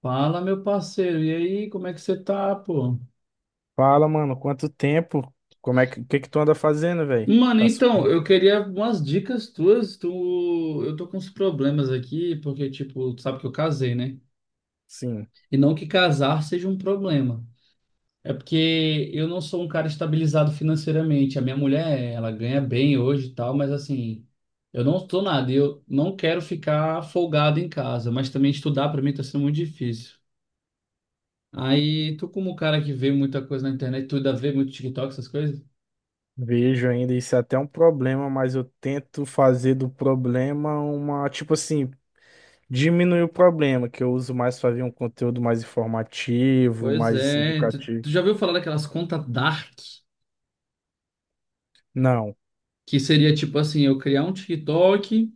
Fala, meu parceiro, e aí, como é que você tá, pô? Fala, mano, quanto tempo? Como é que, o que que tu anda fazendo, velho? Mano, Tá então, eu sumido? queria umas dicas tuas, eu tô com uns problemas aqui, porque, tipo, tu sabe que eu casei, né? Sim, E não que casar seja um problema, é porque eu não sou um cara estabilizado financeiramente, a minha mulher, ela ganha bem hoje e tal, mas assim, eu não tô nada, e eu não quero ficar folgado em casa, mas também estudar pra mim tá sendo muito difícil. Aí, tu como cara que vê muita coisa na internet, tu ainda vê muito TikTok, essas coisas? vejo ainda. Isso é até um problema, mas eu tento fazer do problema uma, tipo assim, diminuir o problema, que eu uso mais pra ver um conteúdo mais informativo, Pois mais é, tu, educativo. tu já ouviu falar daquelas contas dark? Não. Que seria tipo assim, eu criar um TikTok,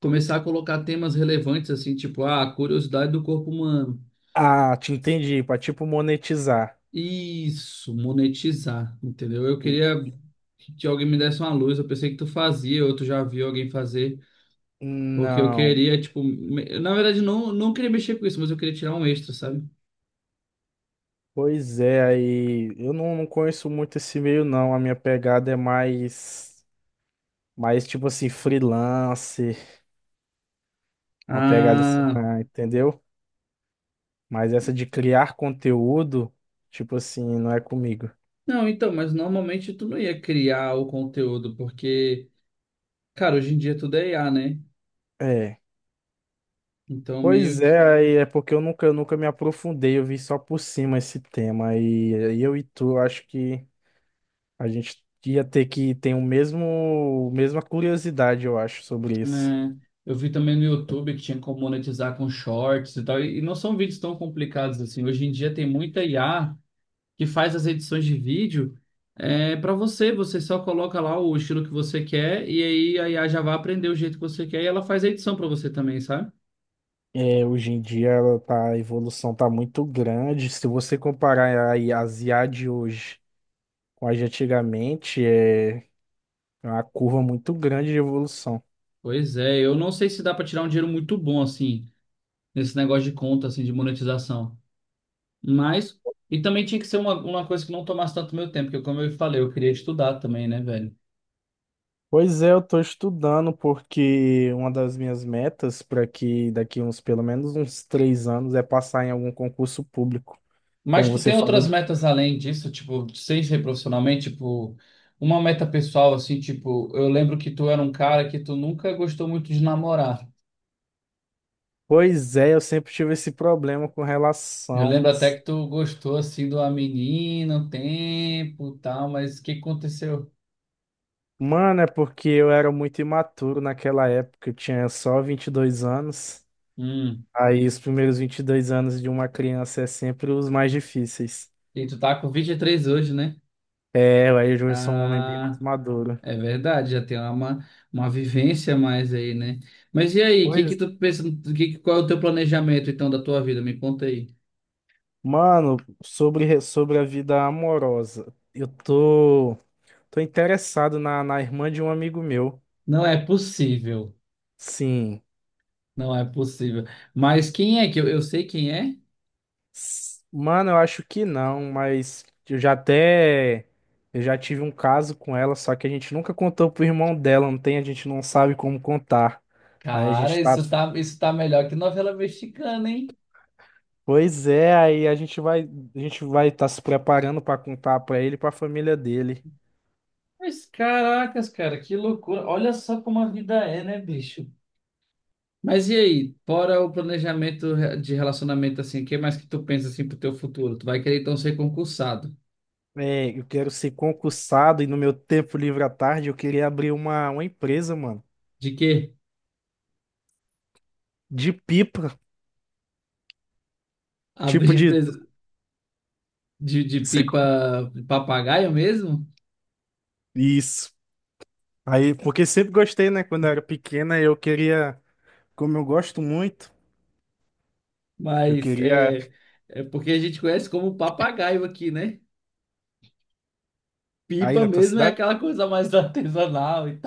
começar a colocar temas relevantes assim, tipo, ah, curiosidade do corpo humano. Ah, te entendi, pra tipo monetizar. Isso, monetizar, entendeu? Eu queria que alguém me desse uma luz, eu pensei que tu fazia, ou tu já viu alguém fazer, porque eu Não. queria, tipo, na verdade não queria mexer com isso, mas eu queria tirar um extra, sabe? Pois é, aí eu não conheço muito esse meio, não. A minha pegada é mais, mais tipo assim, freelancer. Uma pegada assim, Ah, ah, entendeu? Mas essa de criar conteúdo, tipo assim, não é comigo. não, então, mas normalmente tu não ia criar o conteúdo, porque, cara, hoje em dia tudo é IA, né? É. Então, meio Pois é, que. aí é porque eu nunca me aprofundei, eu vi só por cima esse tema. E aí eu e tu, acho que a gente ia ter que ter o mesmo, mesma curiosidade, eu acho, sobre isso. Né, eu vi também no YouTube que tinha como monetizar com shorts e tal. E não são vídeos tão complicados assim. Hoje em dia tem muita IA que faz as edições de vídeo para você. Você só coloca lá o estilo que você quer e aí a IA já vai aprender o jeito que você quer e ela faz a edição para você também, sabe? É, hoje em dia ela tá, a evolução tá muito grande. Se você comparar a as IA de hoje com a de antigamente, é uma curva muito grande de evolução. Pois é, eu não sei se dá para tirar um dinheiro muito bom assim, nesse negócio de conta, assim, de monetização. Mas. E também tinha que ser uma coisa que não tomasse tanto meu tempo, porque como eu falei, eu queria estudar também, né, velho? Pois é, eu tô estudando porque uma das minhas metas para que daqui uns pelo menos uns 3 anos é passar em algum concurso público. Mas Como tu você tem outras falou. metas além disso, tipo, sem ser profissionalmente, tipo, uma meta pessoal, assim, tipo, eu lembro que tu era um cara que tu nunca gostou muito de namorar. Pois é, eu sempre tive esse problema com Eu relação. lembro até que tu gostou, assim, de uma menina, um tempo, e tal, mas o que aconteceu? Mano, é porque eu era muito imaturo naquela época, eu tinha só 22 anos. Hum, Aí os primeiros 22 anos de uma criança é sempre os mais difíceis. e tu tá com 23 hoje, né? É, aí eu já sou um homem bem mais Ah, maduro. é verdade, já tem uma vivência a mais aí, né? Mas e aí, o que que Pois. tu pensa, qual é o teu planejamento, então, da tua vida? Me conta aí. Mano, sobre a vida amorosa, eu tô, tô interessado na irmã de um amigo meu. Não é possível. Sim. Não é possível. Mas quem é que eu sei quem é? Mano, eu acho que não, mas eu já até. Eu já tive um caso com ela, só que a gente nunca contou pro irmão dela, não tem, a gente não sabe como contar. Aí a Cara, gente tá. Isso tá melhor que novela mexicana, hein? Pois é, aí a gente vai estar se preparando pra contar pra ele e pra família dele. Mas caracas, cara, que loucura. Olha só como a vida é, né, bicho? Mas e aí, fora o planejamento de relacionamento assim, o que mais que tu pensa assim pro teu futuro? Tu vai querer então ser concursado. É, eu quero ser concursado e no meu tempo livre à tarde eu queria abrir uma empresa, mano, De quê? de pipa, tipo Abrir de... empresa de sei co- pipa de papagaio mesmo? Isso. Aí, porque sempre gostei, né? Quando eu era pequena, eu queria, como eu gosto muito, eu Mas queria... é, é porque a gente conhece como papagaio aqui, né? Aí Pipa na tua mesmo é cidade? aquela coisa mais artesanal e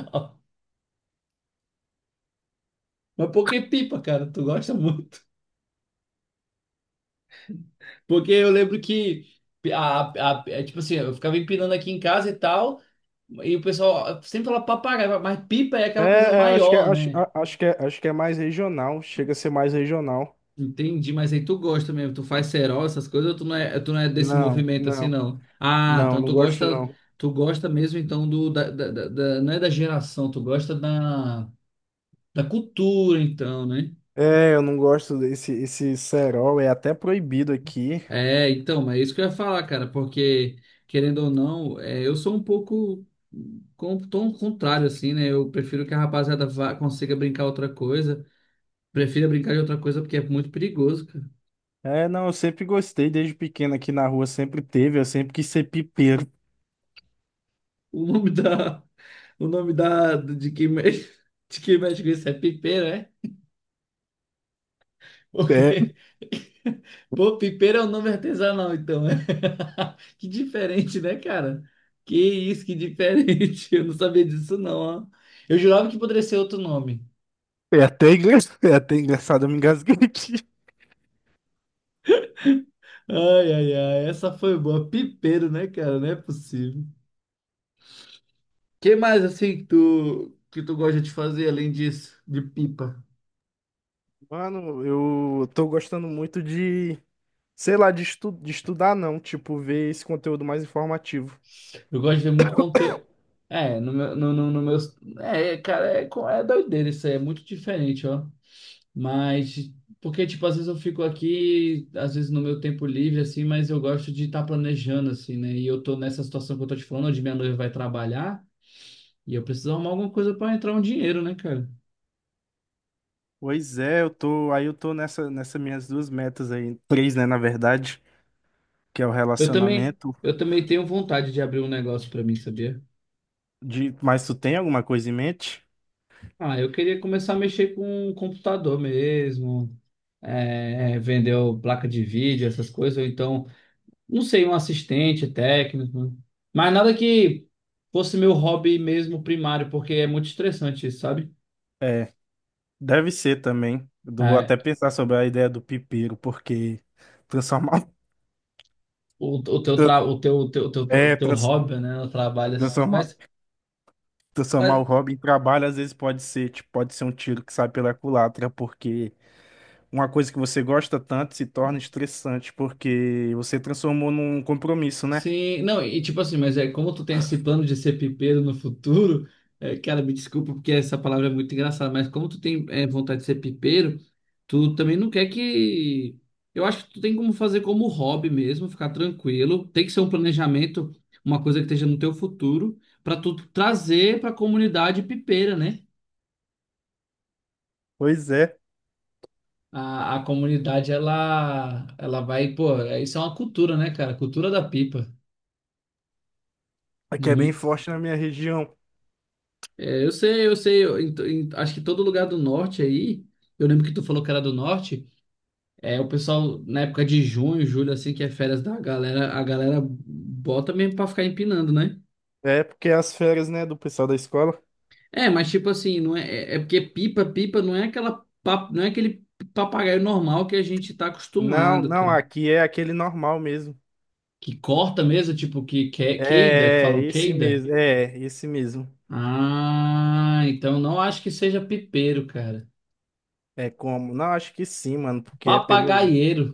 mas por que pipa, cara? Tu gosta muito? Porque eu lembro que, é tipo assim, eu ficava empinando aqui em casa e tal, e o pessoal sempre fala papagaio, mas pipa é É, aquela coisa é, acho que é, maior, acho, né? Acho que é mais regional, chega a ser mais regional. Entendi, mas aí tu gosta mesmo, tu faz cerol, essas coisas, ou tu não é desse Não, movimento assim, não, não? Ah, não, então não gosto não. tu gosta mesmo então do, da, da, da- da- não é da geração, tu gosta da, da cultura então, né? É, eu não gosto desse esse cerol, é até proibido aqui. É, então, mas é isso que eu ia falar, cara, porque, querendo ou não, é, eu sou um pouco com tom contrário, assim, né? Eu prefiro que a rapaziada vá, consiga brincar outra coisa. Prefiro brincar de outra coisa porque é muito perigoso, cara. É, não, eu sempre gostei, desde pequeno aqui na rua sempre teve, eu sempre quis ser pipeiro. O nome da. O nome da. De quem mexe, de quem mexe com isso é pipeiro. É, Porque. Pô, pipeiro é um nome artesanal, então. Né? Que diferente, né, cara? Que isso, que diferente. Eu não sabia disso, não, ó. Eu jurava que poderia ser outro nome. é até engra- é até engraçado, eu me engasguei aqui. Ai, ai, ai. Essa foi boa. Pipeiro, né, cara? Não é possível. Que mais, assim, que tu gosta de fazer além disso? De pipa? Mano, eu tô gostando muito de, sei lá, de, estu de estudar não, tipo, ver esse conteúdo mais informativo. Eu gosto de ver muito conteúdo. É, no meus... É, cara, é, é doideira isso aí. É muito diferente, ó. Mas porque tipo às vezes eu fico aqui, às vezes no meu tempo livre assim, mas eu gosto de estar planejando assim, né? E eu tô nessa situação que eu tô te falando, onde minha noiva vai trabalhar e eu preciso arrumar alguma coisa para entrar um dinheiro, né, cara? Pois é, eu tô, aí eu tô nessa, nessas minhas duas metas aí, três, né, na verdade, que é o relacionamento Eu também tenho vontade de abrir um negócio para mim, sabia? de, mas tu tem alguma coisa em mente? Ah, eu queria começar a mexer com um computador mesmo, vender placa de vídeo, essas coisas, ou então não sei, um assistente técnico, mas nada que fosse meu hobby mesmo primário, porque é muito estressante isso, sabe? É, deve ser também. Eu vou É, até pensar sobre a ideia do pipeiro, porque transformar. O teu Tra- tra, o teu, o teu, o teu, É, o teu hobby, né? O trabalho assim. transformar, transformar o Mas hobby em trabalho às vezes pode ser, tipo, pode ser um tiro que sai pela culatra, porque uma coisa que você gosta tanto se torna estressante, porque você transformou num compromisso, né? sim, não, e tipo assim, mas é como tu tem esse plano de ser pipeiro no futuro, é, cara, me desculpa porque essa palavra é muito engraçada, mas como tu tem vontade de ser pipeiro, tu também não quer que. Eu acho que tu tem como fazer como hobby mesmo, ficar tranquilo. Tem que ser um planejamento, uma coisa que esteja no teu futuro, pra tu trazer pra comunidade pipeira, né? Pois é, A comunidade, ela vai, pô, isso é uma cultura, né, cara? Cultura da pipa. aqui é bem Muito. forte na minha região. É, eu sei, eu sei. Acho que todo lugar do norte aí, eu lembro que tu falou que era do norte, é o pessoal na época de junho, julho, assim, que é férias da galera, a galera bota mesmo pra ficar empinando, né? É porque as férias, né, do pessoal da escola. É, mas tipo assim, não é, pipa não é aquela, não é aquele papagaio normal que a gente tá Não, acostumado, não, cara. aqui é aquele normal mesmo. Que corta mesmo, tipo que, que É, falam esse queida. mesmo, é, esse mesmo. Ah, então não acho que seja pipeiro, cara. É como? Não, acho que sim, mano, porque é pelo. Papagaieiro.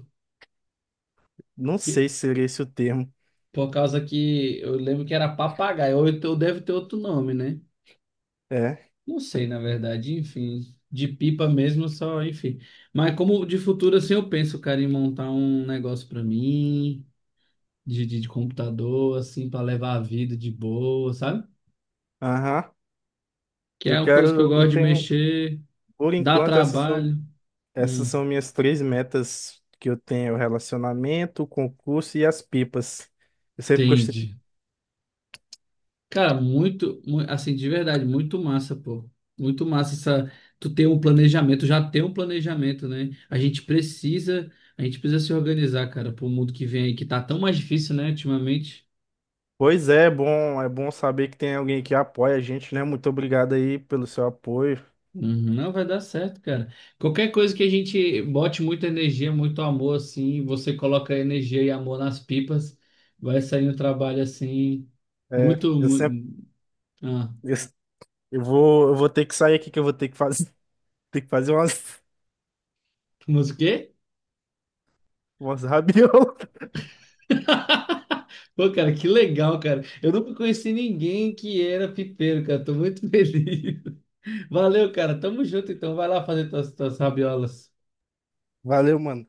Não sei se seria esse o termo. Por causa que eu lembro que era papagaio, ou então deve ter outro nome, né? É. Não sei, na verdade, enfim. De pipa mesmo, só, enfim. Mas como de futuro, assim, eu penso, cara, em montar um negócio pra mim, de computador, assim, pra levar a vida de boa, sabe? Aham. Que Eu é uma coisa que eu quero, eu gosto de tenho, mexer, por dá enquanto, trabalho. essas Hum, são minhas três metas que eu tenho: é o relacionamento, o concurso e as pipas. Eu sempre gostei. entendi. Cara, assim, de verdade, muito massa, pô. Muito massa essa, tu ter um planejamento, já ter um planejamento, né? A gente precisa se organizar, cara, pro mundo que vem aí, que tá tão mais difícil, né, ultimamente. Pois é, é bom saber que tem alguém que apoia a gente, né? Muito obrigado aí pelo seu apoio. Uhum, não vai dar certo, cara. Qualquer coisa que a gente bote muita energia, muito amor, assim, você coloca energia e amor nas pipas, vai sair um trabalho, assim, É, muito, eu sempre, mu- ah, eu, eu vou ter que sair aqui que eu vou ter que fazer, ter que fazer umas, mas o quê? umas rabiolas. Pô, cara, que legal, cara. Eu nunca conheci ninguém que era pipeiro, cara. Tô muito feliz. Valeu, cara. Tamo junto, então. Vai lá fazer tuas rabiolas. Valeu, mano.